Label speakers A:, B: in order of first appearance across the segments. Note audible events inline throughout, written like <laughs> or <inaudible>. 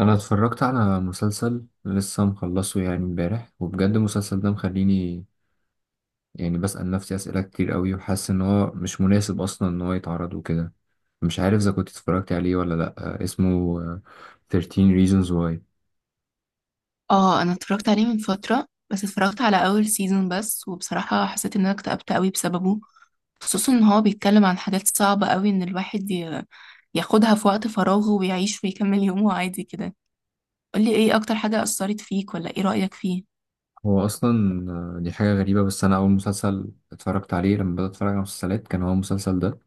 A: انا اتفرجت على مسلسل لسه مخلصه يعني امبارح، وبجد المسلسل ده مخليني يعني بسأل نفسي أسئلة كتير قوي، وحاسس ان هو مش مناسب اصلا ان هو يتعرض وكده. مش عارف اذا كنت اتفرجت عليه ولا لا. اسمه 13 Reasons Why.
B: اه انا اتفرجت عليه من فترة، بس اتفرجت على اول سيزون بس. وبصراحة حسيت ان انا اكتئبت قوي بسببه، خصوصا ان هو بيتكلم عن حاجات صعبة قوي ان الواحد ياخدها في وقت فراغه ويعيش ويكمل يومه عادي كده. قولي ايه اكتر حاجة اثرت فيك، ولا ايه رأيك فيه؟
A: هو اصلا آه، دي حاجة غريبة، بس انا اول مسلسل اتفرجت عليه لما بدأت اتفرج على مسلسلات كان هو المسلسل ده.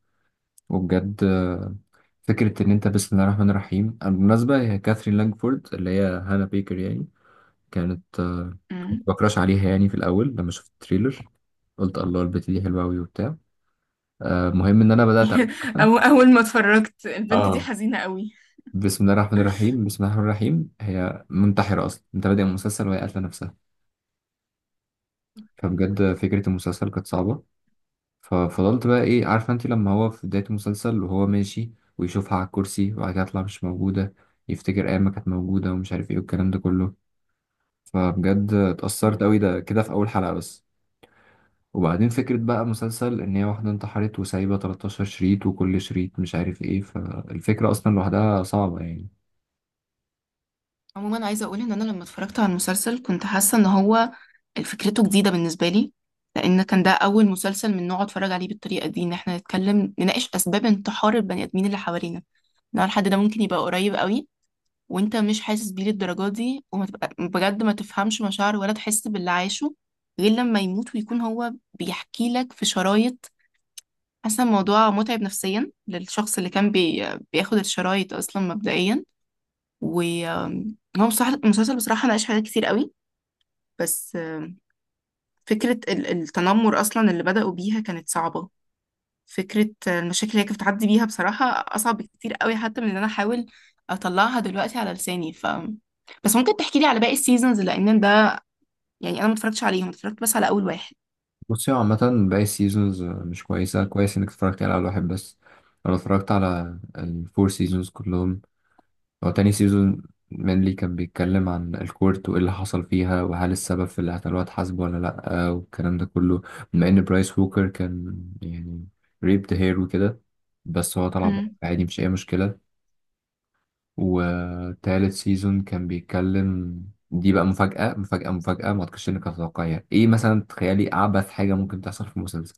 A: وبجد فكرة ان انت، بسم الله الرحمن الرحيم بالمناسبة، هي كاثرين لانجفورد اللي هي هانا بيكر يعني، كانت
B: مم.
A: بكراش عليها يعني في الاول لما شفت التريلر قلت الله البت دي حلوه قوي وبتاع. المهم ان انا بدات اول
B: <laughs>
A: حلقه.
B: أو أول ما اتفرجت البنت دي
A: اه
B: حزينة قوي.
A: بسم الله الرحمن
B: <laughs>
A: الرحيم، بسم الله الرحمن الرحيم، هي منتحره اصلا، انت بادئ المسلسل وهي قاتله نفسها.
B: أوكي.
A: فبجد فكره المسلسل كانت صعبه. ففضلت بقى، ايه عارفه انت، لما هو في بدايه المسلسل وهو ماشي ويشوفها على الكرسي وبعد كده تطلع مش موجوده، يفتكر ايام ما كانت موجوده ومش عارف ايه والكلام ده كله. فبجد اتأثرت قوي ده كده في اول حلقه بس. وبعدين فكرة بقى مسلسل إن هي واحدة انتحرت وسايبة 13 شريط وكل شريط مش عارف إيه، فالفكرة أصلا لوحدها صعبة يعني.
B: عموما عايزه اقول ان انا لما اتفرجت على المسلسل كنت حاسه ان هو فكرته جديده بالنسبه لي، لان كان ده اول مسلسل من نوعه اتفرج عليه بالطريقه دي، ان احنا نتكلم نناقش اسباب انتحار البني ادمين اللي حوالينا، ان هو الحد ده ممكن يبقى قريب قوي وانت مش حاسس بيه للدرجه دي، وما تبقى بجد ما تفهمش مشاعره ولا تحس باللي عايشه غير لما يموت ويكون هو بيحكي لك في شرايط. حاسه الموضوع متعب نفسيا للشخص اللي كان بياخد الشرايط اصلا مبدئيا. وهو المسلسل بصراحة ناقش حاجات كتير قوي، بس فكرة التنمر أصلا اللي بدأوا بيها كانت صعبة. فكرة المشاكل اللي هي كانت بتعدي بيها بصراحة أصعب كتير قوي، حتى من إن أنا أحاول أطلعها دلوقتي على لساني. ف بس ممكن تحكي لي على باقي السيزونز، لأن ده يعني أنا ما اتفرجتش عليهم، اتفرجت بس على أول واحد.
A: بصي، هو عامة باقي السيزونز مش كويسة. كويس إنك اتفرجت يعني على واحد بس. أنا اتفرجت على الفور سيزونز كلهم. هو تاني سيزون مانلي كان بيتكلم عن الكورت وإيه اللي حصل فيها، وهل السبب في اللي قتلوها اتحاسب ولا لأ والكلام ده كله. بما إن برايس ووكر كان يعني ريبد هير وكده، بس هو طلع بقى
B: مم.
A: عادي مش أي مشكلة. وتالت سيزون كان بيتكلم، دي بقى مفاجأة مفاجأة مفاجأة، ما اعتقدش انك هتتوقعيها. ايه مثلا تخيلي اعبث حاجة ممكن تحصل في المسلسل؟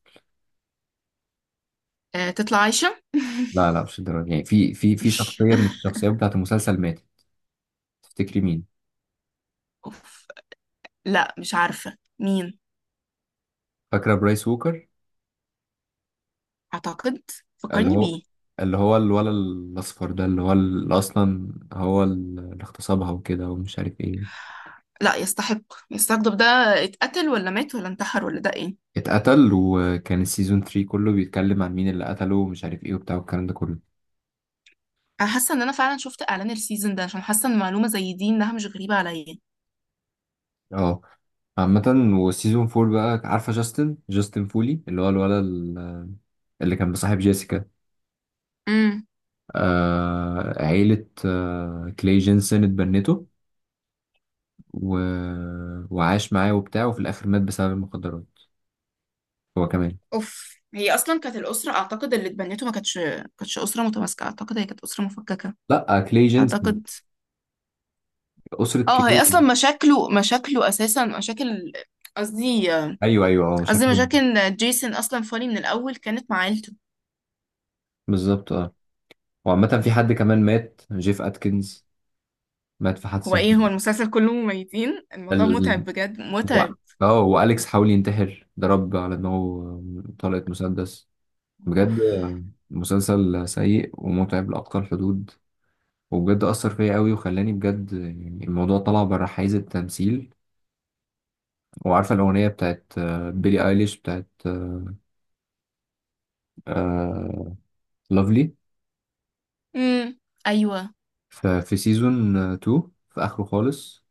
B: تطلع عايشة.
A: لا لا، مش الدرجة. يعني في شخصية من
B: <laughs>
A: الشخصيات بتاعت المسلسل ماتت. تفتكري مين؟
B: أوف. لا مش عارفة مين.
A: فاكرة برايس ووكر؟
B: أعتقد
A: اللي
B: فكرني
A: هو
B: بيه.
A: اللي هو الولد الأصفر ده، اللي هو اللي أصلا هو اللي اغتصبها وكده ومش عارف ايه.
B: لا يستحق. يستحق، طب ده اتقتل ولا مات ولا انتحر ولا ده ايه؟
A: اتقتل، وكان السيزون 3 كله بيتكلم عن مين اللي قتله ومش عارف ايه وبتاع والكلام ده كله.
B: انا حاسه ان انا فعلا شفت اعلان السيزون ده، عشان حاسه ان معلومه زي دي انها مش غريبه عليا.
A: اه. عامة، وسيزون فور بقى، عارفة، جاستن فولي اللي هو الولد اللي كان بصاحب جيسيكا.
B: امم.
A: عيلة كلاي جينسون اتبنته، و... وعاش معاه وبتاع، وفي الآخر مات بسبب المخدرات. هو كمان.
B: اوف، هي اصلا كانت الاسره اعتقد اللي اتبنته ما كانتش، كانتش اسره متماسكه، اعتقد هي كانت اسره مفككه.
A: لا، كلاي جينسون،
B: اعتقد.
A: أسرة
B: اه هي
A: كلاي.
B: اصلا مشاكله اساسا مشاكل، قصدي،
A: أيوه أيوه أه،
B: قصدي
A: شكله
B: مشاكل جيسون اصلا فاني من الاول كانت مع عيلته.
A: بالظبط أه. وعامة في حد كمان مات، جيف أتكنز، مات في
B: هو
A: حادثة.
B: ايه؟ هو المسلسل كله مميتين، الموضوع
A: ال...
B: متعب بجد،
A: و-
B: متعب.
A: اه، وأليكس حاول ينتحر، ضرب على دماغه طلقة مسدس.
B: اوف.
A: بجد مسلسل سيء ومتعب لأقصى الحدود. وبجد أثر فيا قوي وخلاني بجد يعني الموضوع طلع بره حيز التمثيل. وعارفة الأغنية بتاعت بيلي أيليش بتاعت لافلي؟
B: امم. ايوه.
A: ففي سيزون 2 في آخره خالص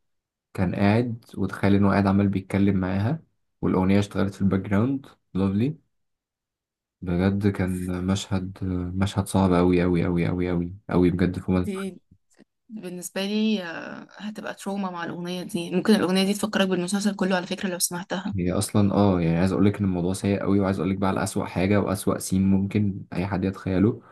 A: كان قاعد وتخيل إنه قاعد عمال بيتكلم معاها، والأغنية اشتغلت في الباك جراوند، لافلي. بجد كان مشهد، مشهد صعب أوي أوي أوي أوي أوي أوي بجد فوق ما.
B: دي بالنسبة لي هتبقى تروما. مع الأغنية دي ممكن الأغنية دي تفكرك بالمسلسل كله على فكرة لو سمعتها.
A: هي اصلا اه، يعني عايز اقول لك ان الموضوع سيء قوي، وعايز اقول لك بقى على اسوأ حاجه واسوأ سين ممكن اي حد يتخيله.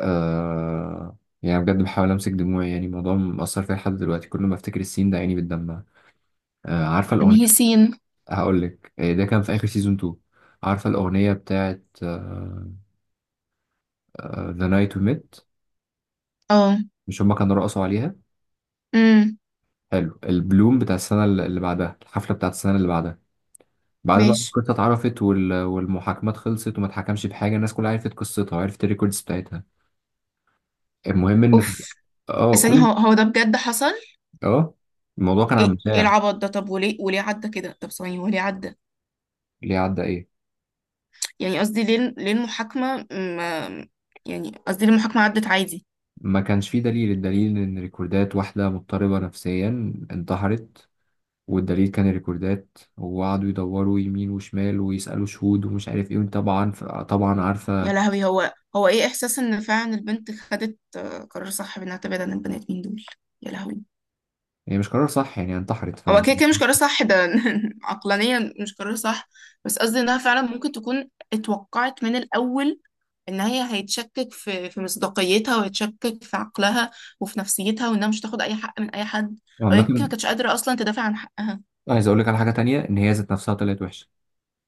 A: آه يعني بجد بحاول امسك دموعي، يعني الموضوع مأثر فيا لحد دلوقتي، كل ما افتكر السين ده عيني بتدمع. عارفه
B: إن
A: الاغنيه،
B: هي سين.
A: هقول لك، ده كان في اخر سيزون 2. عارفه الاغنيه بتاعت ذا نايت وي ميت؟
B: اه.
A: مش هما كانوا رقصوا عليها؟
B: امم.
A: حلو، البلوم بتاع السنه اللي بعدها، الحفله بتاعت السنه اللي بعدها، بعد ما
B: ماشي.
A: القصه اتعرفت والمحاكمات خلصت وما اتحكمش بحاجه، الناس كلها عرفت قصتها وعرفت الريكوردز بتاعتها. المهم ان
B: اوف.
A: <laughs> اه
B: ثانية،
A: كل
B: هو ده بجد حصل؟
A: اه الموضوع كان عن
B: ايه إيه
A: مشاع.
B: العبط ده؟ طب وليه؟ وليه عدى كده؟ طب ثانية، وليه عدى؟
A: ليه عدى ايه؟
B: يعني قصدي، ليه ليه المحاكمة ما، يعني قصدي ليه المحاكمة عدت عادي؟
A: ما كانش فيه دليل. الدليل ان ريكوردات واحدة مضطربة نفسيا انتحرت، والدليل كان الريكوردات، وقعدوا يدوروا يمين وشمال ويسألوا شهود ومش عارف ايه طبعا. طبعا عارفة
B: يا
A: هي،
B: لهوي، هو ايه إحساس إن فعلا البنت خدت قرار صح بإنها تبعد عن البني آدمين دول؟ يا لهوي.
A: يعني مش قرار صح يعني انتحرت، ف.
B: هو كده كده مش قرار صح ده. <laughs> عقلانيا مش قرار صح، بس قصدي انها فعلا ممكن تكون اتوقعت من الاول ان هي هيتشكك في في مصداقيتها، وهيتشكك في عقلها وفي نفسيتها، وانها مش تاخد اي حق من اي حد. او
A: عامة،
B: يمكن ما كانتش قادره اصلا تدافع عن حقها.
A: عايز اقول لك على حاجة تانية، ان هي ذات نفسها طلعت وحشة.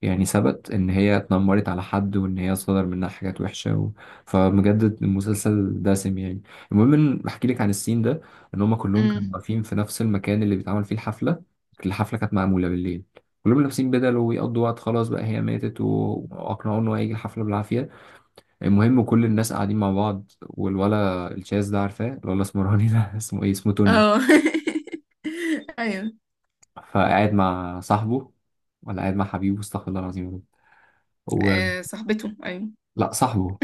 A: يعني ثبت ان هي اتنمرت على حد وان هي صدر منها حاجات وحشه فمجدد المسلسل دسم يعني. المهم ان احكي لك عن السين ده. ان هم كلهم كانوا
B: امم.
A: واقفين في نفس المكان اللي بيتعمل فيه الحفله. الحفله كانت معموله بالليل، كلهم لابسين بدل ويقضوا وقت، خلاص بقى هي ماتت واقنعوه ان هو هيجي الحفله بالعافيه. المهم كل الناس قاعدين مع بعض، والولا الشاذ ده عارفاه، الولا اسمراني ده <laughs> اسمه ايه، اسمه توني.
B: اه. <laughs> ايوه.
A: فقاعد مع صاحبه، ولا قاعد مع حبيبه استغفر الله العظيم يا رب، و...
B: آه صاحبته، ايوه.
A: لا صاحبه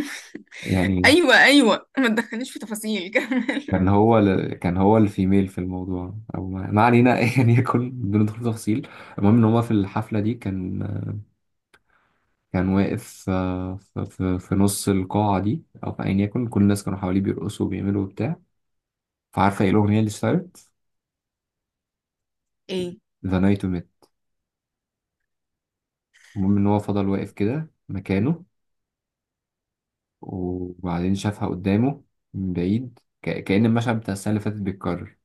A: يعني.
B: ايوه، ايوه، ما تدخلنيش في تفاصيل. <laughs> كمل.
A: كان هو الفيميل في الموضوع، او ما علينا <laughs> يعني يكون بندخل تفصيل. المهم ان هو في الحفله دي كان، كان واقف، في نص القاعه دي او في ايا يكن، كل الناس كانوا حواليه بيرقصوا وبيعملوا وبتاع. فعارفه ايه الاغنيه اللي اشتغلت؟
B: ايه؟
A: ذا نايت ميت. المهم ان هو فضل واقف كده مكانه، وبعدين شافها قدامه من بعيد، كأن المشهد بتاع السنه اللي فاتت بيتكرر،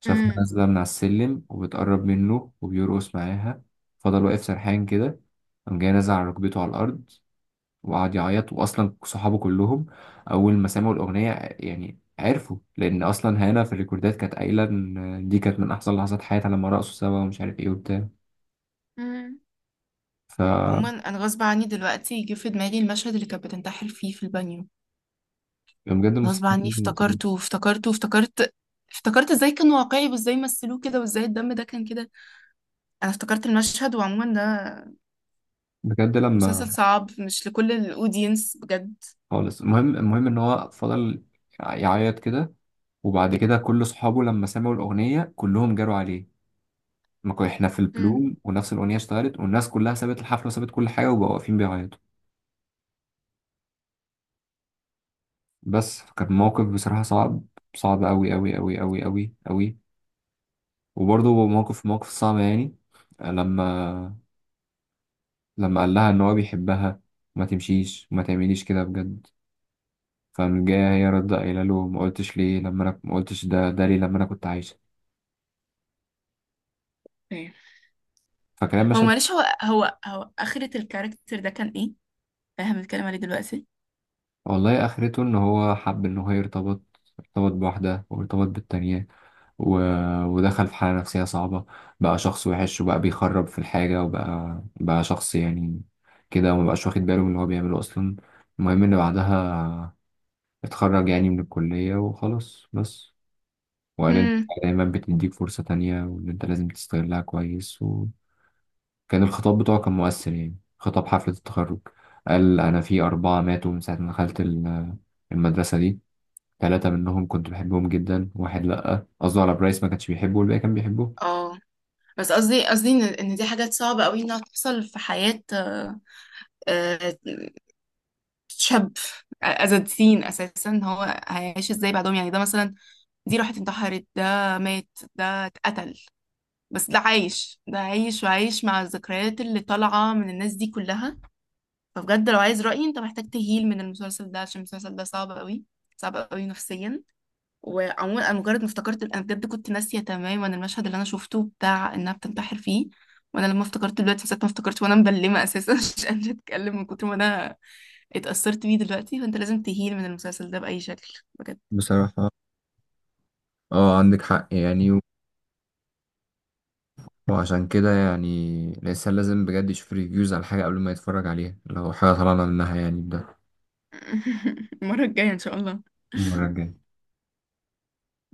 A: شافها
B: امم.
A: نازلة من على السلم وبتقرب منه وبيرقص معاها. فضل واقف سرحان كده، قام جاي نازل على ركبته على الأرض، وقعد يعيط. وأصلا صحابه كلهم أول ما سمعوا الأغنية يعني عرفوا، لأن أصلا هنا في الريكوردات كانت قايلة إن دي كانت من أحسن لحظات حياتها لما رقصوا سوا ومش عارف إيه وبتاع.
B: امم. عموما
A: ف.
B: انا غصب عني دلوقتي جه في دماغي المشهد اللي كانت بتنتحر فيه في البانيو.
A: بجد المسلسل
B: غصب
A: كان
B: عني
A: جامد وقت ده.
B: افتكرته وافتكرته وافتكرت. افتكرت ازاي كان واقعي، وازاي مثلوه كده، وازاي الدم ده كان كده. انا افتكرت المشهد. وعموما ده
A: بجد لما
B: مسلسل صعب، مش لكل الاودينس بجد.
A: خالص. المهم، إن هو فضل يعيط كده، وبعد كده كل صحابه لما سمعوا الأغنية كلهم جاروا عليه. ما كو- احنا في البلوم
B: امم.
A: ونفس الأغنية اشتغلت، والناس كلها سابت الحفلة وسابت كل حاجة وبقوا واقفين بيعيطوا. بس كان موقف بصراحة صعب، صعب أوي أوي أوي أوي أوي أوي. وبرضه موقف، صعب يعني، لما قال لها إن هو بيحبها، ما تمشيش وما تعمليش كده بجد. فمن جاية هي رد قايلة له ما قلتش ليه لما أنا، ما قلتش ده ليه لما أنا كنت عايشة.
B: ايه؟
A: فكلام
B: هو
A: مشهد.
B: معلش، هو اخرة الكاركتر ده كان ايه؟ احنا بنتكلم عليه دلوقتي.
A: والله آخرته إن هو حب إن هو يرتبط، ارتبط بواحدة وارتبط بالتانية و... ودخل في حالة نفسية صعبة. بقى شخص وحش وبقى بيخرب في الحاجة، وبقى شخص يعني كده، ومبقاش واخد باله من اللي هو بيعمله أصلا. المهم إن بعدها اتخرج يعني من الكلية وخلاص بس. وقال إن
B: امم.
A: دايما بتديك فرصة تانية وإن أنت لازم تستغلها كويس. وكان الخطاب بتاعه كان مؤثر، يعني خطاب حفلة التخرج. قال أنا في أربعة ماتوا من ساعة ما دخلت المدرسة دي، ثلاثة منهم كنت بحبهم جدا، واحد لأ قصده على برايس ما كانش بيحبه، والباقي كان بيحبه.
B: اه. بس قصدي، قصدي إن دي حاجات صعبة قوي انها تحصل في حياة آه، شاب. as a teen اساسا، هو هيعيش ازاي بعدهم؟ يعني ده مثلا دي راحت انتحرت، ده مات، ده اتقتل، بس ده عايش. ده عايش وعايش مع الذكريات اللي طالعة من الناس دي كلها. فبجد لو عايز رأيي، انت محتاج تهيل من المسلسل ده، عشان المسلسل ده صعب قوي، صعب قوي نفسيا. وعموما انا مجرد ما افتكرت، انا بجد كنت ناسية تماما المشهد اللي انا شفته بتاع انها بتنتحر فيه، وانا لما افتكرت دلوقتي من ساعة ما افتكرت وانا مبلمة اساسا، <laughs> مش قادرة اتكلم من كتر ما انا اتأثرت بيه دلوقتي. فانت لازم تهيل من المسلسل ده بأي شكل، بجد.
A: بصراحة اه، عندك حق يعني، وعشان كده يعني الإنسان لازم بجد يشوف ريفيوز على حاجة قبل ما يتفرج عليها، لو حاجة طلعنا منها يعني بده.
B: <laughs> المرة الجاية ان شاء الله.
A: المرة الجاية.